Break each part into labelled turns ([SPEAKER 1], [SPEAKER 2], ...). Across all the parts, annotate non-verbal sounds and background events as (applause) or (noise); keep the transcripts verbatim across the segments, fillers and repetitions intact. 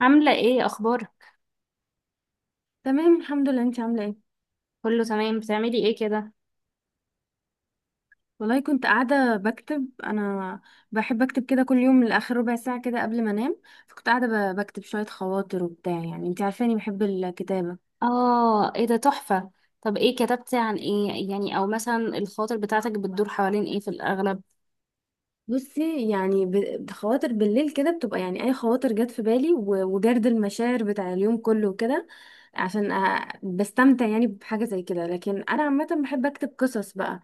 [SPEAKER 1] عاملة ايه؟ اخبارك؟
[SPEAKER 2] تمام الحمد لله انت عامله ايه.
[SPEAKER 1] كله تمام. بتعملي ايه كده؟
[SPEAKER 2] والله كنت قاعده بكتب انا. بحب اكتب كده كل يوم لاخر ربع ساعه كده قبل ما انام. فكنت قاعده ب- بكتب شويه خواطر وبتاع، يعني انت عارفاني بحب الكتابه.
[SPEAKER 1] اه، ايه ده؟ تحفة. طب ايه كتبتي؟ عن ايه يعني؟ او مثلا الخاطر بتاعتك بتدور حوالين ايه في الاغلب؟
[SPEAKER 2] بصي، يعني ب- خواطر بالليل كده بتبقى، يعني اي خواطر جت في بالي و- وجرد المشاعر بتاع اليوم كله وكده. عشان أ- بستمتع يعني بحاجه زي كده. لكن انا عامه بحب اكتب قصص بقى.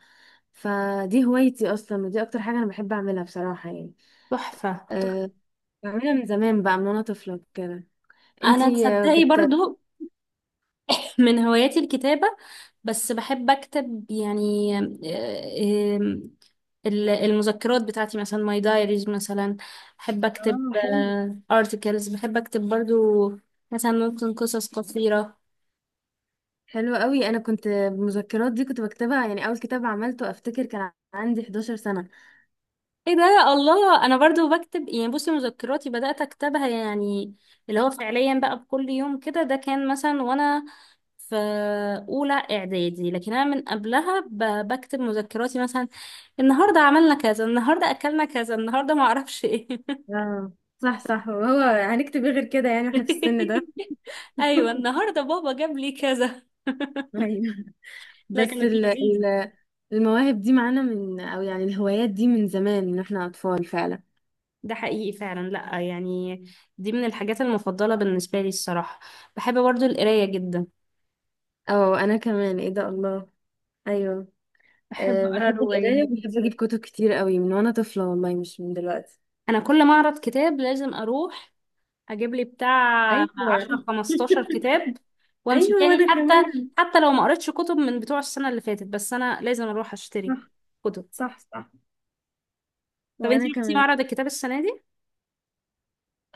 [SPEAKER 2] فدي هوايتي اصلا، ودي اكتر حاجه انا بحب اعملها بصراحه يعني.
[SPEAKER 1] تحفة، تحفة.
[SPEAKER 2] أه، بعملها من زمان بقى، من وانا طفله كده.
[SPEAKER 1] انا
[SPEAKER 2] انتي آه،
[SPEAKER 1] تصدقي
[SPEAKER 2] بت
[SPEAKER 1] برضو (laughs) (clears throat) من هواياتي الكتابة، بس بحب اكتب يعني. آه، آم، ال- المذكرات بتاعتي مثلا، ماي دايريز مثلا، بحب اكتب.
[SPEAKER 2] اه، حلو.
[SPEAKER 1] ارتكلز بحب اكتب برضو، مثلا ممكن قصص قصيرة.
[SPEAKER 2] حلوة قوي، انا كنت المذكرات دي كنت بكتبها يعني. اول كتاب عملته افتكر كان عندي 11 سنة.
[SPEAKER 1] ايه ده! الله، انا برضو بكتب يعني. بصي، مذكراتي بدأت اكتبها يعني، اللي هو فعليا بقى بكل يوم كده، ده كان مثلا وانا في اولى اعدادي، لكن انا من قبلها ب- بكتب مذكراتي مثلا. النهارده عملنا كذا، النهارده اكلنا كذا، النهارده ما اعرفش ايه.
[SPEAKER 2] اه، صح صح. وهو هنكتب ايه غير كده يعني واحنا في السن ده؟
[SPEAKER 1] (laughs) ايوه،
[SPEAKER 2] (laughs)
[SPEAKER 1] النهارده بابا جاب لي كذا.
[SPEAKER 2] ايوه.
[SPEAKER 1] لا،
[SPEAKER 2] بس
[SPEAKER 1] كانت
[SPEAKER 2] ال
[SPEAKER 1] لذيذه.
[SPEAKER 2] ال المواهب دي معانا، من او يعني الهوايات دي من زمان، من احنا اطفال فعلا.
[SPEAKER 1] ده حقيقي فعلا، لا يعني دي من الحاجات المفضله بالنسبه لي الصراحه. بحب برضو القرايه جدا،
[SPEAKER 2] او انا كمان، ايه ده، الله. ايوه.
[SPEAKER 1] بحب
[SPEAKER 2] أه،
[SPEAKER 1] اقرا
[SPEAKER 2] بحب القراية
[SPEAKER 1] روايات.
[SPEAKER 2] وبحب اجيب كتب كتير قوي من وانا طفلة، والله مش من دلوقتي.
[SPEAKER 1] انا كل معرض كتاب لازم اروح اجيب لي بتاع
[SPEAKER 2] ايوه
[SPEAKER 1] عشرة
[SPEAKER 2] (laughs)
[SPEAKER 1] خمسطاشر كتاب وامشي
[SPEAKER 2] ايوه
[SPEAKER 1] تاني،
[SPEAKER 2] وانا
[SPEAKER 1] حتى
[SPEAKER 2] كمان.
[SPEAKER 1] حتى لو ما قريتش كتب من بتوع السنة اللي فاتت، بس انا لازم اروح اشتري
[SPEAKER 2] صح
[SPEAKER 1] كتب.
[SPEAKER 2] صح صح.
[SPEAKER 1] طب انتي
[SPEAKER 2] وانا
[SPEAKER 1] رحتي
[SPEAKER 2] كمان.
[SPEAKER 1] معرض الكتاب السنة دي؟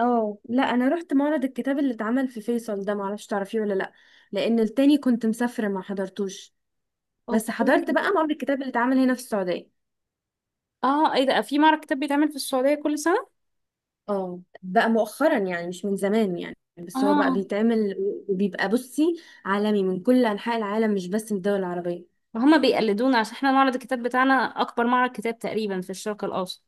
[SPEAKER 2] اه لا، انا رحت معرض الكتاب اللي اتعمل في فيصل ده، معرفش تعرفيه ولا لا. لان التاني كنت مسافره ما حضرتوش. بس حضرت
[SPEAKER 1] اوكي.
[SPEAKER 2] بقى معرض الكتاب اللي اتعمل هنا في السعوديه.
[SPEAKER 1] اه، ايه ده؟ في معرض كتاب بيتعمل في السعودية كل سنة؟
[SPEAKER 2] اه، بقى مؤخرا، يعني مش من زمان، يعني بس هو بقى
[SPEAKER 1] اه،
[SPEAKER 2] بيتعمل. وبيبقى بصي، عالمي من كل انحاء العالم، مش بس من الدول العربيه.
[SPEAKER 1] هما بيقلدونا عشان احنا معرض الكتاب بتاعنا اكبر معرض كتاب تقريبا في الشرق الاوسط.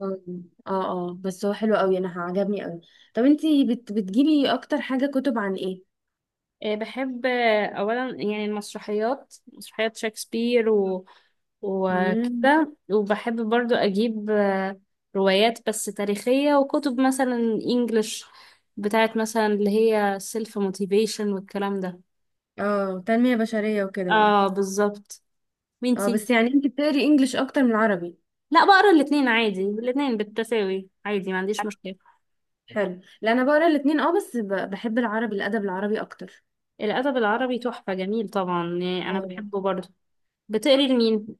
[SPEAKER 2] اه اه. آه، بس هو حلو قوي، انا عجبني قوي. طب انتي بت بتجيبي اكتر حاجه كتب عن ايه؟
[SPEAKER 1] آه، بحب آه، أولا يعني المسرحيات، مسرحيات شكسبير و...
[SPEAKER 2] مم.
[SPEAKER 1] وكده، وبحب برضو أجيب آه، روايات بس تاريخية، وكتب مثلا إنجلش بتاعت مثلا اللي هي سيلف موتيفيشن والكلام ده.
[SPEAKER 2] اه، تنميه بشريه وكده يعني.
[SPEAKER 1] اه، بالظبط.
[SPEAKER 2] اه
[SPEAKER 1] وانتي؟
[SPEAKER 2] بس يعني انت بتقري انجليش اكتر من عربي؟
[SPEAKER 1] لا، بقرا الاتنين عادي، الاتنين بالتساوي عادي، ما عنديش مشكلة.
[SPEAKER 2] حلو. لا، انا بقرا الاتنين، اه بس ب- بحب العربي، الادب العربي اكتر.
[SPEAKER 1] الأدب العربي تحفة، جميل طبعا يعني، أنا
[SPEAKER 2] أيوة.
[SPEAKER 1] بحبه برضو. بتقري لمين؟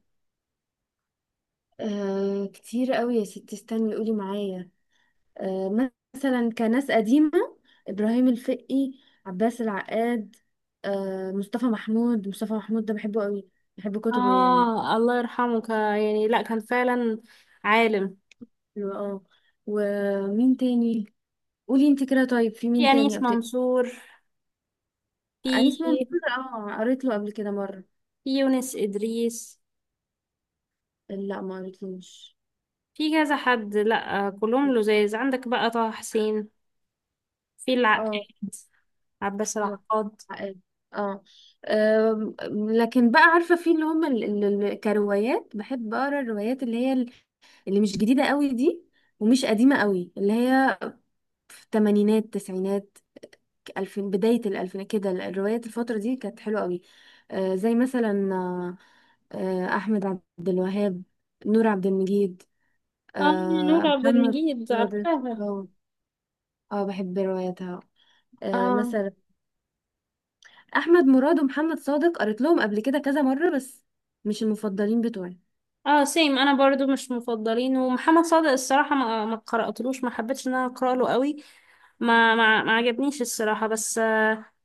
[SPEAKER 2] آه كتير قوي يا ستي، استني قولي معايا. آه مثلا، كناس قديمة، إبراهيم الفقي، عباس العقاد، آه مصطفى محمود. مصطفى محمود ده بحبه قوي، بحب كتبه يعني.
[SPEAKER 1] آه الله يرحمه، ك- يعني لا، كان فعلا عالم.
[SPEAKER 2] حلو اه. ومين تاني؟ قولي انت كده. طيب في
[SPEAKER 1] في
[SPEAKER 2] مين تاني
[SPEAKER 1] أنيس
[SPEAKER 2] أبت...
[SPEAKER 1] منصور،
[SPEAKER 2] أنيس ممدوح،
[SPEAKER 1] في
[SPEAKER 2] اه قريت له قبل كده مرة.
[SPEAKER 1] في يونس إدريس،
[SPEAKER 2] لا ما قريتلوش.
[SPEAKER 1] في كذا حد. لا آه، كلهم لزاز. عندك بقى طه حسين، في العقاد،
[SPEAKER 2] اه.
[SPEAKER 1] عباس
[SPEAKER 2] هو
[SPEAKER 1] العقاد.
[SPEAKER 2] حقيقي. اه. أم، لكن بقى عارفه، في اللي هم ال- ال- ال- كروايات، بحب اقرا الروايات اللي هي ال- اللي مش جديده قوي دي، ومش قديمه قوي، اللي هي في الثمانينات التسعينات، الفين، بدايه الالفينات كده. الروايات الفتره دي كانت حلوه قوي. آه، زي مثلا آه، آه، احمد عبد الوهاب، نور عبد المجيد،
[SPEAKER 1] اه، نور
[SPEAKER 2] آه،
[SPEAKER 1] عبد
[SPEAKER 2] محمد
[SPEAKER 1] المجيد،
[SPEAKER 2] صادق.
[SPEAKER 1] عارفاها.
[SPEAKER 2] اه. آه، بحب رواياتها. آه،
[SPEAKER 1] اه،
[SPEAKER 2] مثلا احمد مراد ومحمد صادق قريت لهم قبل كده كذا مره، بس مش المفضلين بتوعي.
[SPEAKER 1] اه، سيم، انا برضو مش مفضلين. ومحمد صادق الصراحة ما ما قرأتلوش، ما حبيتش ان انا اقرأ له قوي، ما ما ما عجبنيش الصراحة بس.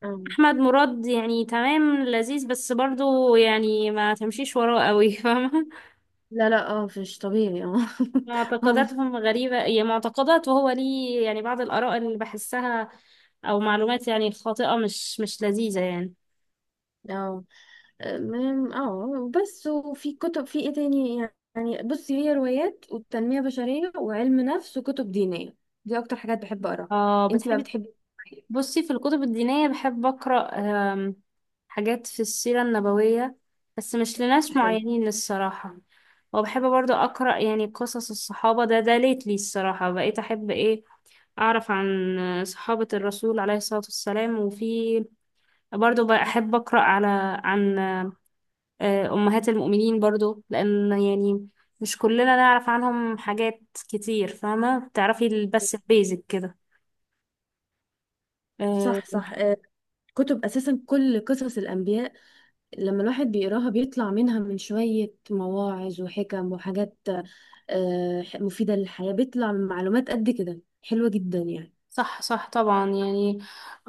[SPEAKER 2] اه
[SPEAKER 1] احمد مراد يعني تمام، لذيذ، بس برضو يعني ما تمشيش وراه قوي، فاهمه.
[SPEAKER 2] لا لا، اه مش طبيعي اه (laughs)
[SPEAKER 1] (laughs)
[SPEAKER 2] هم-
[SPEAKER 1] معتقداتهم غريبه، هي معتقدات وهو ليه يعني، بعض الاراء اللي بحسها او معلومات يعني خاطئه، مش مش لذيذه يعني.
[SPEAKER 2] اه. أم- اه بس وفي كتب، في ايه تاني؟ يعني بصي، هي روايات والتنمية بشرية وعلم نفس وكتب دينية. دي اكتر حاجات بحب اقراها.
[SPEAKER 1] اه،
[SPEAKER 2] انتي بقى
[SPEAKER 1] بتحبي.
[SPEAKER 2] بتحبي إيه؟
[SPEAKER 1] بصي، في الكتب الدينيه بحب اقرا آم، حاجات في السيره النبويه، بس مش لناس
[SPEAKER 2] حلو.
[SPEAKER 1] معينين الصراحه. وبحب برضو اقرا يعني قصص الصحابه. ده ده ليتلي الصراحه بقيت احب ايه، أعرف عن صحابة الرسول عليه الصلاة والسلام. وفي برضو بحب أقرأ على عن آه، أمهات المؤمنين برضو، لأن يعني مش كلنا نعرف عنهم حاجات كتير، فاهمة؟ بتعرفي ال- بس البيزك كده
[SPEAKER 2] صح
[SPEAKER 1] آه،
[SPEAKER 2] صح. آه، كتب اساسا، كل قصص الانبياء لما الواحد بيقراها بيطلع منها من شويه مواعظ وحكم وحاجات آه، ح- مفيدة للحياة. بيطلع من معلومات قد كده حلوة جدا يعني.
[SPEAKER 1] صح، صح، طبعا يعني.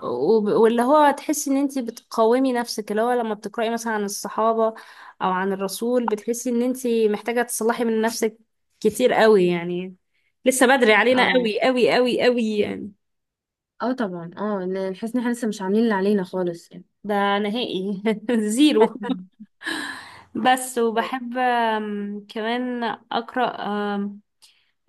[SPEAKER 1] وب- واللي هو تحسي ان انتي بتقاومي نفسك، اللي هو لما بتقرأي مثلا عن الصحابة او عن الرسول بتحسي ان انتي محتاجة تصلحي من نفسك كتير قوي يعني، لسه بدري علينا
[SPEAKER 2] اه
[SPEAKER 1] قوي، قوي، قوي، قوي يعني.
[SPEAKER 2] اه طبعا اه، ن- نحس ان احنا لسه مش عاملين اللي علينا خالص يعني.
[SPEAKER 1] ده نهائي (laughs) زيرو.
[SPEAKER 2] (laughs)
[SPEAKER 1] بس،
[SPEAKER 2] مم.
[SPEAKER 1] وبحب آم، كمان أقرأ آم،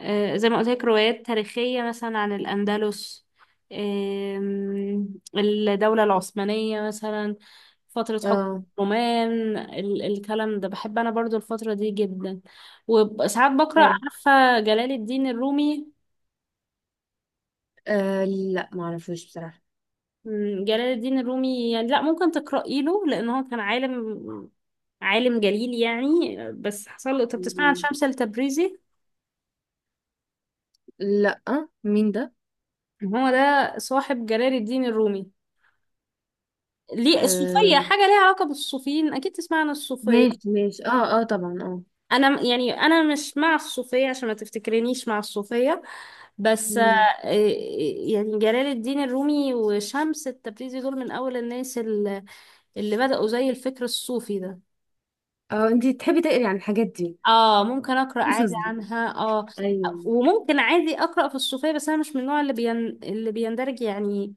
[SPEAKER 1] آه، زي ما قلت لك روايات تاريخية مثلا عن الأندلس آم، الدولة العثمانية مثلا، فترة حكم
[SPEAKER 2] اه
[SPEAKER 1] الرومان، ال- الكلام ده بحب أنا برضو الفترة دي جدا. وساعات بقرأ،
[SPEAKER 2] حلو.
[SPEAKER 1] عارفة جلال الدين الرومي؟
[SPEAKER 2] آه، لا معرفوش بصراحة.
[SPEAKER 1] مم، جلال الدين الرومي يعني، لا، ممكن تقرأي له، لأن هو كان عالم، عالم جليل يعني، بس حصل له. طب تسمع عن
[SPEAKER 2] مم.
[SPEAKER 1] شمس التبريزي؟
[SPEAKER 2] لا، مين ده؟
[SPEAKER 1] هو ده صاحب جلال الدين الرومي. ليه
[SPEAKER 2] آه،
[SPEAKER 1] الصوفية حاجة ليها علاقة بالصوفيين، أكيد تسمع عن الصوفية.
[SPEAKER 2] ماشي ماشي، اه اه طبعا اه.
[SPEAKER 1] أنا م- يعني أنا مش مع الصوفية، عشان ما تفتكرنيش مع الصوفية، بس آه،
[SPEAKER 2] مم.
[SPEAKER 1] إيه- يعني جلال الدين الرومي وشمس التبريزي دول من أول الناس اللي اللي بدأوا زي الفكر الصوفي ده.
[SPEAKER 2] اه انتي تحبي تقري عن الحاجات دي،
[SPEAKER 1] اه، ممكن اقرا عادي
[SPEAKER 2] القصص دي؟
[SPEAKER 1] عنها، اه،
[SPEAKER 2] ايوه.
[SPEAKER 1] وممكن عادي اقرا في الصوفيه، بس انا مش من النوع اللي بين... اللي بيندرج يعني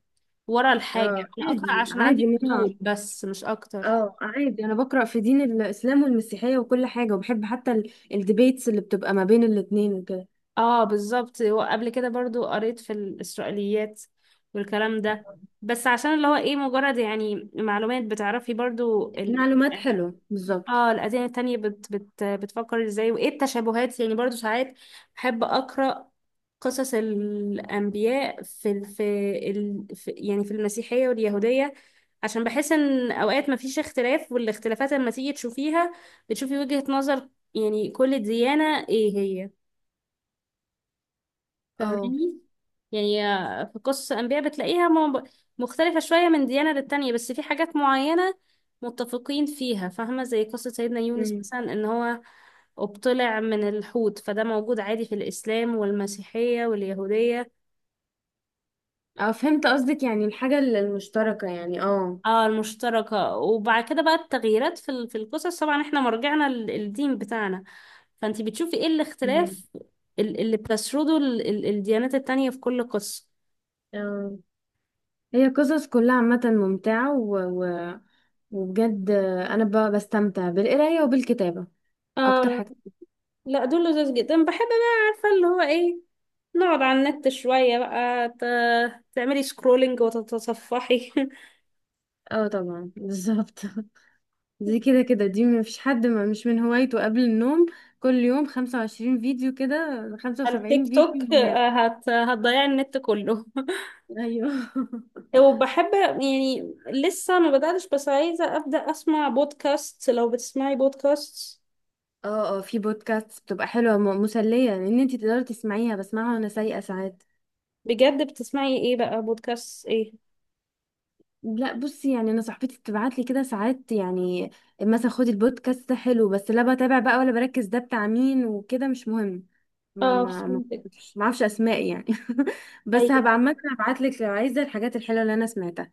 [SPEAKER 1] ورا الحاجه.
[SPEAKER 2] اه
[SPEAKER 1] انا اقرا
[SPEAKER 2] عادي
[SPEAKER 1] عشان
[SPEAKER 2] عادي،
[SPEAKER 1] عندي
[SPEAKER 2] ان انا،
[SPEAKER 1] فضول بس، مش اكتر.
[SPEAKER 2] اه عادي انا بقرا في دين الاسلام والمسيحيه وكل حاجه، وبحب حتى ال- الديبيتس اللي بتبقى ما بين الاتنين وكده.
[SPEAKER 1] اه، بالظبط. وقبل كده برضو قريت في الاسرائيليات والكلام ده، بس عشان اللي هو ايه، مجرد يعني معلومات، بتعرفي برضو ال...
[SPEAKER 2] معلومات حلوه بالظبط.
[SPEAKER 1] اه، الأديان التانية بت بت بتفكر ازاي، وايه التشابهات يعني. برضو ساعات بحب أقرأ قصص الأنبياء في ال... في, ال... في يعني في المسيحية واليهودية، عشان بحس ان اوقات مفيش اختلاف، والاختلافات لما تيجي تشوفيها بتشوفي وجهة نظر يعني كل ديانة ايه هي،
[SPEAKER 2] اه
[SPEAKER 1] فاهماني؟ يعني في قصص الأنبياء بتلاقيها م- مختلفة شوية من ديانة للتانية، بس في حاجات معينة متفقين فيها، فاهمة؟ زي قصة سيدنا يونس
[SPEAKER 2] امم
[SPEAKER 1] مثلا، إن هو ابتلع من الحوت، فده موجود عادي في الإسلام والمسيحية واليهودية.
[SPEAKER 2] اه، فهمت قصدك، يعني الحاجه ال- المشتركه، يعني اه.
[SPEAKER 1] اه، المشتركة. وبعد كده بقى التغييرات في ال- في القصص، طبعا احنا مرجعنا ل- الدين بتاعنا، فانتي بتشوفي ايه
[SPEAKER 2] أمم.
[SPEAKER 1] الاختلاف ال- اللي بتسرده ال- ال- الديانات التانية في كل قصة.
[SPEAKER 2] اه هي قصص كلها عامه ممتعه، و... و... وبجد انا ب... بستمتع بالقرايه وبالكتابه اكتر
[SPEAKER 1] اه،
[SPEAKER 2] حاجه.
[SPEAKER 1] لا، دول لذيذ جدا. بحب بقى، عارفة اللي هو ايه، نقعد على النت شوية بقى، ت- تعملي سكرولينج وتتصفحي (laughs)
[SPEAKER 2] اه طبعا بالظبط (laughs) دي كده كده، دي مفيش حد ما مش من هوايته قبل النوم. كل يوم خمسة وعشرين فيديو كده، خمسة
[SPEAKER 1] على التيك
[SPEAKER 2] وسبعين فيديو
[SPEAKER 1] توك.
[SPEAKER 2] هناك.
[SPEAKER 1] آه، هت... هتضيعي النت كله.
[SPEAKER 2] ايوه (laughs)
[SPEAKER 1] (laughs) وبحب يعني، لسه ما بدأتش بس عايزة أبدأ أسمع بودكاست. لو بتسمعي بودكاست
[SPEAKER 2] اه اه، في بودكاست بتبقى حلوة م- مسلية، ان انتي تقدري تسمعيها. بسمعها وانا سايقة ساعات.
[SPEAKER 1] بجد، بتسمعي ايه بقى؟ بودكاست ايه؟
[SPEAKER 2] لا بصي، يعني انا صاحبتي بتبعت لي كده ساعات يعني، مثلا خدي البودكاست ده حلو. بس لا بتابع بقى، ولا بركز ده بتاع مين وكده، مش مهم. ما
[SPEAKER 1] اه،
[SPEAKER 2] ما ما
[SPEAKER 1] فهمتك.
[SPEAKER 2] مش- ما اعرفش اسماء يعني (laughs) بس هبقى عامة هبعت لك لو عايزة الحاجات الحلوة اللي انا سمعتها.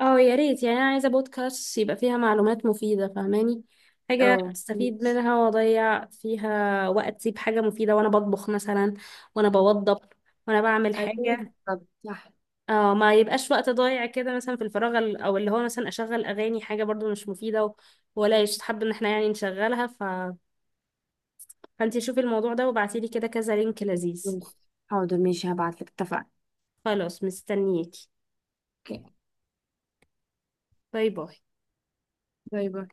[SPEAKER 1] اه، يا ريت يعني، انا عايزه بودكاست يبقى فيها معلومات مفيده، فاهماني؟ حاجه
[SPEAKER 2] اه
[SPEAKER 1] استفيد منها واضيع فيها وقتي بحاجه مفيده وانا بطبخ مثلا، وانا بوضب، وانا بعمل
[SPEAKER 2] ايوه،
[SPEAKER 1] حاجه.
[SPEAKER 2] بالظبط، صح.
[SPEAKER 1] اه، ما يبقاش وقت ضايع كده مثلا في الفراغ، ال- او اللي هو مثلا اشغل اغاني، حاجه برضو مش مفيده و- ولا يستحب ان احنا يعني نشغلها. ف... فانتي شوفي الموضوع ده وابعتيلي كده كذا لينك لذيذ.
[SPEAKER 2] حاضر ماشي هبعتلك، اتفقنا.
[SPEAKER 1] خلاص، مستنياكي.
[SPEAKER 2] اوكي.
[SPEAKER 1] باي باي.
[SPEAKER 2] باي باي.